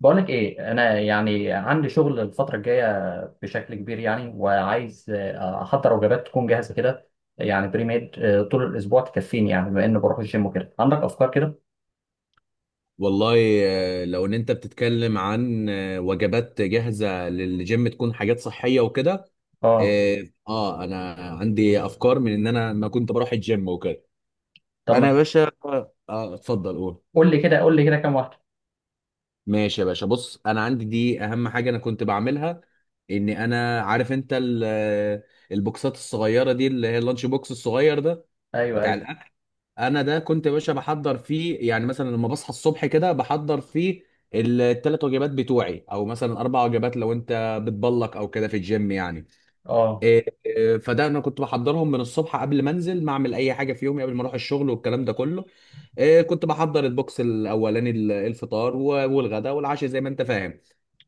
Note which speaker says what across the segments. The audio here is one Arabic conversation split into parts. Speaker 1: بقولك ايه؟ انا يعني عندي شغل الفتره الجايه بشكل كبير، يعني وعايز احضر وجبات تكون جاهزه كده، يعني بري ميد طول الاسبوع تكفيني، يعني بما اني بروح الجيم وكده. عندك افكار كده؟
Speaker 2: والله. لو ان انت بتتكلم عن وجبات جاهزة للجيم تكون حاجات صحية وكده.
Speaker 1: اه،
Speaker 2: اه، انا عندي افكار من ان انا ما كنت بروح الجيم وكده.
Speaker 1: طب
Speaker 2: انا
Speaker 1: ما
Speaker 2: يا باشا. اه اتفضل قول.
Speaker 1: قول لي كده، كام واحده؟
Speaker 2: ماشي يا باشا، بص انا عندي دي اهم حاجة انا كنت بعملها، ان انا عارف انت البوكسات الصغيرة دي اللي هي اللانش بوكس الصغير ده
Speaker 1: ايوه
Speaker 2: بتاع
Speaker 1: ايوه.
Speaker 2: الاكل. انا ده كنت يا باشا بحضر فيه، يعني مثلا لما بصحى الصبح كده بحضر فيه الثلاث وجبات بتوعي، او مثلا اربع وجبات لو انت بتبلك او كده في الجيم يعني.
Speaker 1: اه
Speaker 2: إيه إيه، فده انا كنت بحضرهم من الصبح قبل ما انزل، ما اعمل اي حاجه في يومي قبل ما اروح الشغل والكلام ده كله. إيه كنت بحضر البوكس الاولاني، الفطار والغداء والعشاء زي ما انت فاهم.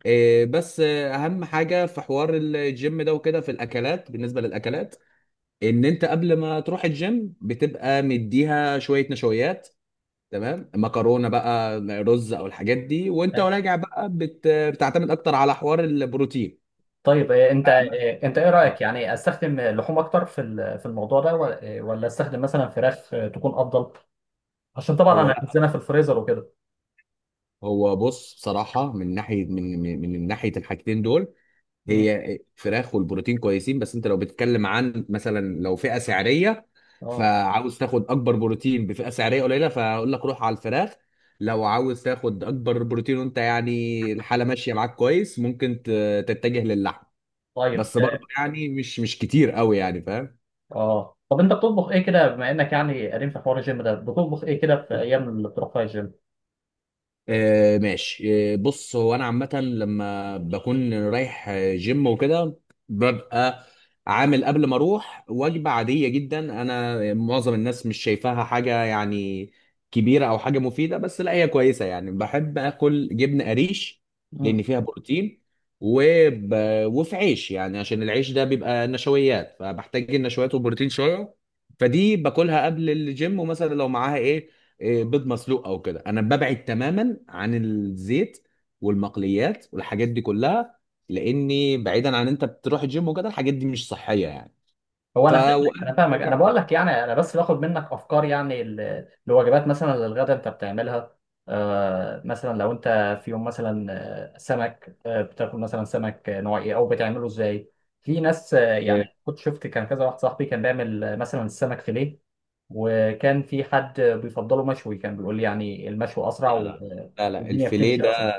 Speaker 2: إيه بس اهم حاجه في حوار الجيم ده وكده في الاكلات، بالنسبه للاكلات، ان انت قبل ما تروح الجيم بتبقى مديها شويه نشويات، تمام، مكرونه بقى رز او الحاجات دي، وانت
Speaker 1: آه.
Speaker 2: راجع بقى بتعتمد اكتر على حوار البروتين.
Speaker 1: طيب، انت ايه
Speaker 2: اه.
Speaker 1: رايك؟ يعني استخدم لحوم اكتر في في الموضوع ده، ولا ولا استخدم مثلا فراخ تكون افضل؟ عشان طبعا
Speaker 2: هو
Speaker 1: انا
Speaker 2: لا،
Speaker 1: هخزنها في الفريزر وكده.
Speaker 2: هو بص بصراحه، من ناحيه الحاجتين دول
Speaker 1: مم.
Speaker 2: هي فراخ والبروتين كويسين، بس انت لو بتتكلم عن مثلا لو فئه سعريه،
Speaker 1: اه،
Speaker 2: فعاوز تاخد اكبر بروتين بفئه سعريه قليله، فاقول لك روح على الفراخ. لو عاوز تاخد اكبر بروتين وانت يعني الحاله ماشيه معاك كويس، ممكن تتجه للحم،
Speaker 1: طيب
Speaker 2: بس برضه يعني مش كتير قوي يعني، فاهم.
Speaker 1: اه طب انت بتطبخ ايه كده، بما انك يعني قديم في حوار الجيم ده؟ بتطبخ ايه كده في ايام اللي بتروح فيها الجيم؟
Speaker 2: آه ماشي، بص هو انا عامه لما بكون رايح جيم وكده، ببقى عامل قبل ما اروح وجبه عاديه جدا، انا معظم الناس مش شايفاها حاجه يعني كبيره او حاجه مفيده، بس لا هي كويسه، يعني بحب اكل جبن قريش
Speaker 1: مم.
Speaker 2: لان فيها بروتين، وب... وفي عيش يعني عشان العيش ده بيبقى نشويات، فبحتاج النشويات والبروتين شويه. فدي باكلها قبل الجيم، ومثلا لو معاها ايه، إيه، بيض مسلوق او كده. انا ببعد تماما عن الزيت والمقليات والحاجات دي كلها، لاني بعيدا عن انت بتروح الجيم وكده الحاجات دي مش صحيه يعني.
Speaker 1: هو
Speaker 2: ف
Speaker 1: انا فاهمك انا
Speaker 2: وانا
Speaker 1: فاهمك انا
Speaker 2: راجع
Speaker 1: بقول لك، يعني انا بس باخد منك افكار يعني لوجبات، مثلا للغدا انت بتعملها. آه، مثلا لو انت في يوم مثلا سمك، بتاكل مثلا سمك نوع ايه؟ او بتعمله ازاي؟ في ناس يعني
Speaker 2: إيه،
Speaker 1: كنت شفت، كان كذا واحد صاحبي كان بيعمل مثلا السمك فيليه، وكان في حد بيفضله مشوي، كان بيقول لي يعني المشوي اسرع
Speaker 2: لا لا. لا لا،
Speaker 1: والدنيا
Speaker 2: الفيليه
Speaker 1: بتمشي اسرع.
Speaker 2: ده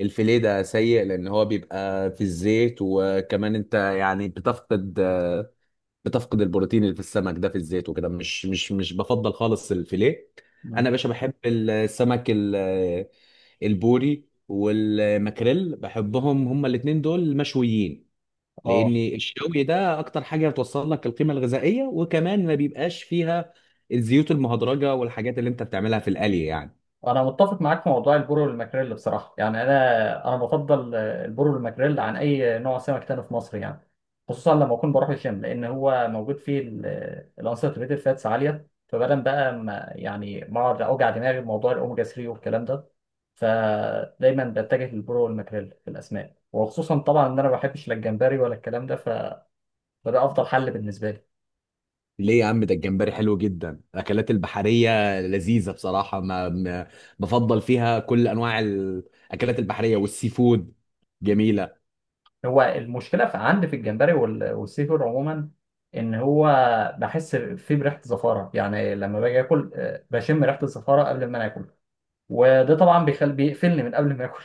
Speaker 2: الفيليه ده سيء، لان هو بيبقى في الزيت، وكمان انت يعني بتفقد بتفقد البروتين اللي في السمك ده في الزيت وكده، مش بفضل خالص الفيليه. انا يا باشا بحب السمك البوري والماكريل، بحبهم هما الاتنين دول مشويين، لان
Speaker 1: اه،
Speaker 2: الشوي ده اكتر حاجه بتوصل لك القيمه الغذائيه، وكمان ما بيبقاش فيها الزيوت المهدرجه والحاجات اللي انت بتعملها في القلي يعني.
Speaker 1: انا متفق معاك في موضوع البورو والماكريل بصراحه، يعني انا بفضل البورو والماكريل عن اي نوع سمك تاني في مصر يعني، خصوصا لما اكون بروح الجيم، لان هو موجود فيه الانساتوريتد فاتس عاليه. فبدل بقى ما يعني ما اقعد اوجع دماغي بموضوع الاوميجا 3 والكلام ده، فدايما بتجه للبورو والماكريل في الاسماك، وخصوصا طبعا ان انا ما بحبش لا الجمبري ولا الكلام ده فده افضل حل بالنسبه لي.
Speaker 2: ليه يا عم، ده الجمبري حلو جدا، الاكلات البحريه لذيذه بصراحه، بفضل فيها كل انواع الاكلات البحريه والسي فود، جميله.
Speaker 1: هو المشكله في عندي في الجمبري والسي فود عموما، ان هو بحس فيه بريحه زفاره، يعني لما باجي اكل بشم ريحه الزفاره قبل ما انا اكل، وده طبعا بيقفلني من قبل ما اكل.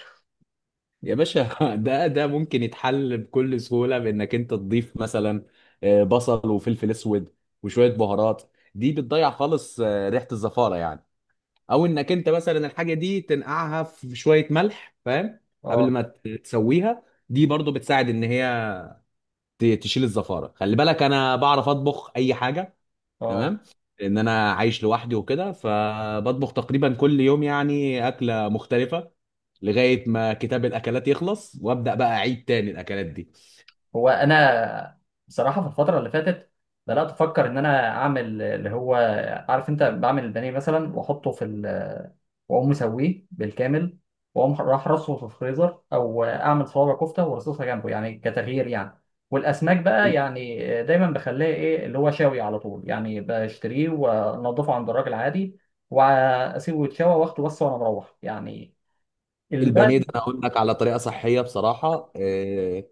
Speaker 2: يا باشا ده ممكن يتحل بكل سهولة بإنك أنت تضيف مثلا بصل وفلفل أسود وشوية بهارات، دي بتضيع خالص ريحة الزفارة يعني. أو إنك أنت مثلا الحاجة دي تنقعها في شوية ملح، فاهم، قبل
Speaker 1: اه،
Speaker 2: ما تسويها، دي برضو بتساعد إن هي تشيل الزفارة. خلي بالك أنا بعرف أطبخ أي حاجة،
Speaker 1: اه.
Speaker 2: تمام، لان انا عايش لوحدي وكده، فبطبخ تقريبا كل يوم يعني اكله مختلفه، لغايه ما كتاب الاكلات يخلص وابدا بقى اعيد تاني الاكلات دي.
Speaker 1: هو انا بصراحه في الفتره اللي فاتت بدات افكر ان انا اعمل اللي هو، عارف انت بعمل البانيه مثلا واحطه في ال، واقوم مسويه بالكامل، واقوم راح رصه في الفريزر، او اعمل صوابع كفته وارصصها جنبه يعني كتغيير يعني. والاسماك بقى
Speaker 2: ال-
Speaker 1: يعني دايما بخليها ايه اللي هو شاوي على طول يعني، بشتريه وانضفه عند الراجل عادي، واسيبه يتشوى واخده بس وانا مروح يعني اللي بقى.
Speaker 2: البانيه ده انا اقول لك على طريقه صحيه بصراحه، إيه،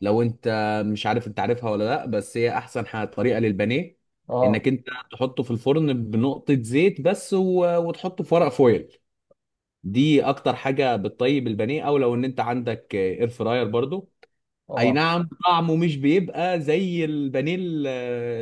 Speaker 2: لو انت مش عارف، انت عارفها ولا لا؟ بس هي احسن طريقه للبانيه
Speaker 1: اه،
Speaker 2: انك انت تحطه في الفرن بنقطه زيت بس، وتحطه في ورق فويل، دي اكتر حاجه بتطيب البانيه. او لو ان انت عندك اير فراير برضو، اي
Speaker 1: اه،
Speaker 2: نعم طعمه مش بيبقى زي البانيه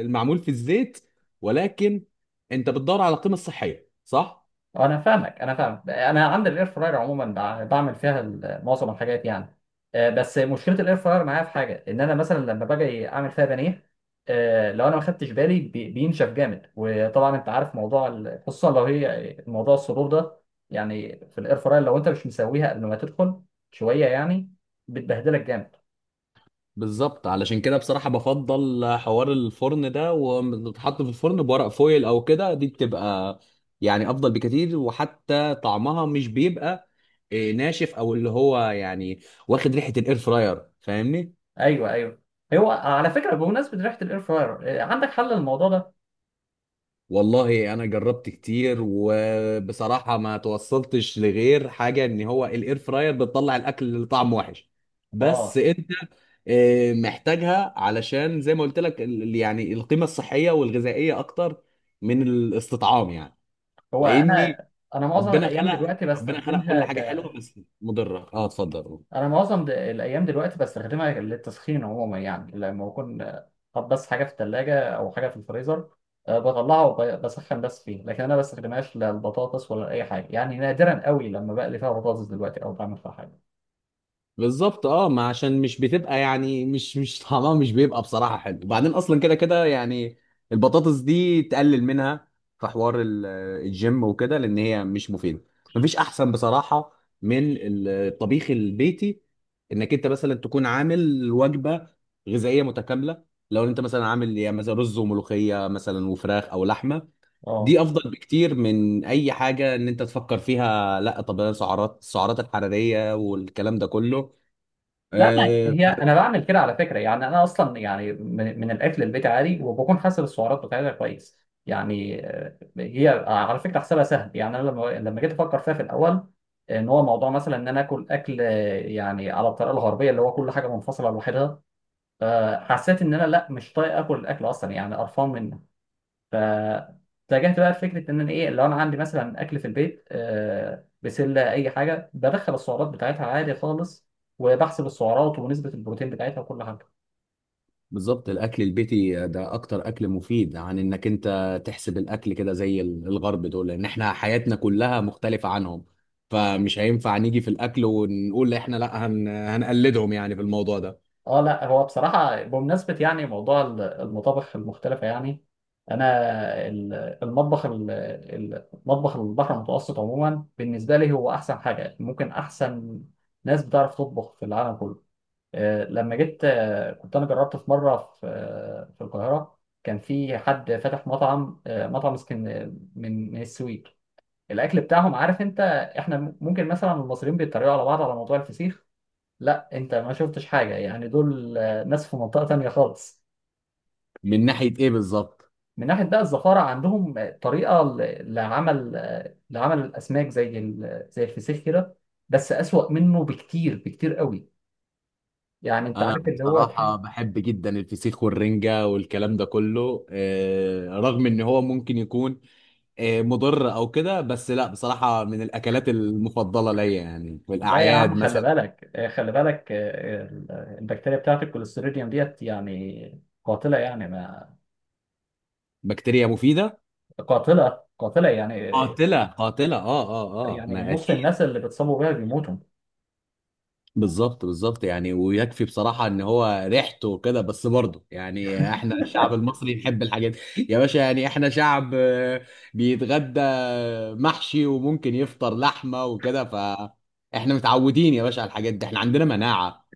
Speaker 2: المعمول في الزيت، ولكن انت بتدور على القيمه الصحيه، صح؟
Speaker 1: انا فاهمك انا فاهم. انا عندي الاير فراير عموما، بعمل فيها معظم الحاجات يعني. آه، بس مشكله الاير فراير معايا في حاجه، ان انا مثلا لما باجي اعمل فيها بانيه، آه، لو انا ما خدتش بالي بينشف جامد، وطبعا انت عارف موضوع خصوصا لو هي موضوع الصدور ده، يعني في الاير فراير لو انت مش مسويها قبل ما تدخل شويه يعني، بتبهدلك جامد.
Speaker 2: بالظبط، علشان كده بصراحه بفضل حوار الفرن ده، وتتحط في الفرن بورق فويل او كده، دي بتبقى يعني افضل بكتير، وحتى طعمها مش بيبقى إيه، ناشف او اللي هو يعني واخد ريحه الاير فراير، فاهمني.
Speaker 1: ايوه ايوه. هو على فكره، بمناسبه ريحه الاير فراير عندك حل للموضوع ده؟
Speaker 2: والله انا جربت كتير وبصراحه ما توصلتش لغير حاجه ان هو الاير فراير بتطلع الاكل اللي طعمه وحش، بس
Speaker 1: اه،
Speaker 2: انت محتاجها علشان زي ما قلت لك يعني القيمه الصحيه والغذائيه اكتر من الاستطعام يعني،
Speaker 1: هو
Speaker 2: لاني
Speaker 1: انا انا معظم
Speaker 2: ربنا
Speaker 1: الايام
Speaker 2: خلق
Speaker 1: دلوقتي
Speaker 2: ربنا خلق كل
Speaker 1: بستخدمها.
Speaker 2: حاجه حلوه بس مضره. اه اتفضل.
Speaker 1: انا معظم الايام دلوقتي بستخدمها للتسخين عموما، يعني لما بكون حاطط بس حاجه في الثلاجه او حاجه في الفريزر، بطلعها وبسخن بس فيه. لكن انا بستخدمهاش لا البطاطس ولا اي حاجه، يعني نادرا قوي لما بقلي فيها بطاطس دلوقتي او بعمل فيها حاجه.
Speaker 2: بالظبط، اه ما عشان مش بتبقى يعني مش طعمها مش بيبقى بصراحة حلو، وبعدين اصلا كده كده يعني البطاطس دي تقلل منها في حوار الجيم وكده لان هي مش مفيدة. مفيش احسن بصراحة من الطبيخ البيتي، انك انت مثلا تكون عامل وجبة غذائية متكاملة، لو انت مثلا عامل يعني مثلا رز وملوخية مثلا وفراخ او لحمة،
Speaker 1: اه،
Speaker 2: دي افضل بكتير من اي حاجة ان انت تفكر فيها. لا طب أنا سعرات، السعرات الحرارية والكلام ده كله
Speaker 1: لا، ما هي
Speaker 2: فرق.
Speaker 1: انا بعمل كده على فكره يعني، انا اصلا يعني من الاكل البيت عادي، وبكون حاسب السعرات بتاعتها كويس. يعني هي على فكره حسابها سهل، يعني انا لما جيت افكر فيها في الاول، ان هو موضوع مثلا ان انا اكل يعني على الطريقه الغربيه اللي هو كل حاجه منفصله لوحدها، حسيت ان انا لا مش طايق اكل الاكل اصلا، يعني قرفان من. فاتجهت بقى لفكره ان انا ايه، لو انا عندي مثلا اكل في البيت بسله اي حاجه، بدخل السعرات بتاعتها عادي خالص، وبحسب السعرات ونسبه البروتين بتاعتها وكل حاجه.
Speaker 2: بالظبط، الاكل البيتي ده اكتر اكل مفيد عن انك انت تحسب الاكل كده زي الغرب دول، لان احنا حياتنا كلها مختلفة عنهم، فمش هينفع نيجي في الاكل ونقول احنا لا هنقلدهم يعني في الموضوع ده.
Speaker 1: اه، لا هو بصراحه بمناسبه يعني موضوع المطابخ المختلفه يعني، انا ال- المطبخ مطبخ البحر المتوسط عموما بالنسبه لي هو احسن حاجه ممكن، احسن ناس بتعرف تطبخ في العالم كله. لما جيت كنت انا جربت في مره في في القاهره، كان في حد فاتح مطعم مطعم اسكن من السويد. الاكل بتاعهم عارف انت، احنا ممكن مثلا المصريين بيتريقوا على بعض على موضوع الفسيخ، لا انت ما شفتش حاجه، يعني دول ناس في منطقه تانية خالص.
Speaker 2: من ناحية ايه بالظبط؟
Speaker 1: من ناحيه بقى الزفاره، عندهم طريقه لعمل لعمل الاسماك زي زي الفسيخ كده، بس اسوأ منه بكتير بكتير قوي. يعني انت
Speaker 2: انا
Speaker 1: عارف اللي هو،
Speaker 2: بصراحة بحب جدا الفسيخ والرنجة والكلام ده كله، رغم ان هو ممكن يكون مضر او كده، بس لا بصراحة من الاكلات المفضلة ليا يعني في
Speaker 1: لا يا عم
Speaker 2: الاعياد
Speaker 1: خلي
Speaker 2: مثلا.
Speaker 1: بالك البكتيريا بتاعت الكوليستيريديوم ديت يعني قاتلة يعني، ما
Speaker 2: بكتيريا مفيدة.
Speaker 1: قاتلة قاتلة يعني،
Speaker 2: قاتلة قاتلة، اه اه اه،
Speaker 1: يعني
Speaker 2: ما
Speaker 1: نص
Speaker 2: اكيد.
Speaker 1: الناس اللي بتصابوا بيها بيموتوا. يا
Speaker 2: بالظبط بالظبط، يعني ويكفي بصراحة ان هو ريحته وكده، بس برضه يعني احنا الشعب المصري نحب الحاجات يا باشا، يعني احنا شعب بيتغدى محشي وممكن يفطر لحمة وكده، فاحنا متعودين يا باشا على الحاجات دي، احنا عندنا مناعة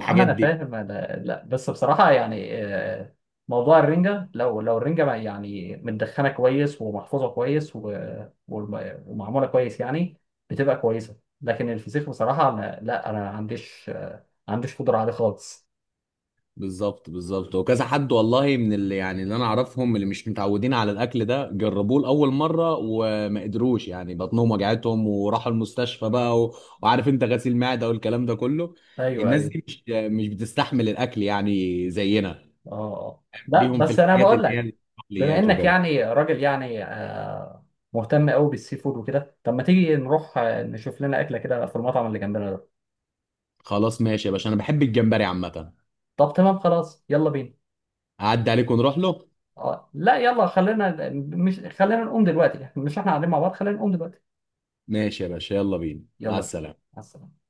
Speaker 1: عم انا
Speaker 2: دي.
Speaker 1: فاهم، أنا لا بس بصراحة يعني موضوع الرنجة، لو الرنجة يعني متدخنة كويس ومحفوظة كويس ومعمولة كويس يعني، بتبقى كويسة. لكن الفسيخ بصراحة أنا لا انا ما عنديش قدرة عليه خالص.
Speaker 2: بالظبط بالظبط، وكذا حد والله من اللي يعني اللي انا اعرفهم اللي مش متعودين على الاكل ده جربوه لاول مره وما قدروش، يعني بطنهم وجعتهم وراحوا المستشفى بقى وعارف انت غسيل معده والكلام ده كله.
Speaker 1: ايوه
Speaker 2: الناس
Speaker 1: ايوه.
Speaker 2: دي مش بتستحمل الاكل يعني زينا،
Speaker 1: اه آه. لا
Speaker 2: ليهم في
Speaker 1: بس انا
Speaker 2: الحاجات
Speaker 1: بقول
Speaker 2: اللي هي
Speaker 1: لك، بما
Speaker 2: البقليات
Speaker 1: انك
Speaker 2: وكده.
Speaker 1: يعني راجل يعني مهتم قوي بالسي فود وكده، طب ما تيجي نروح نشوف لنا اكله كده في المطعم اللي جنبنا ده؟
Speaker 2: خلاص ماشي يا باشا، انا بحب الجمبري عامه.
Speaker 1: طب تمام خلاص، يلا بينا.
Speaker 2: اعدي عليك ونروح له.
Speaker 1: اه لا يلا، خلينا نقوم دلوقتي، مش احنا قاعدين مع بعض؟ خلينا نقوم دلوقتي.
Speaker 2: ماشي يا باشا، يلا بينا، مع
Speaker 1: يلا بينا،
Speaker 2: السلامه.
Speaker 1: مع السلامه.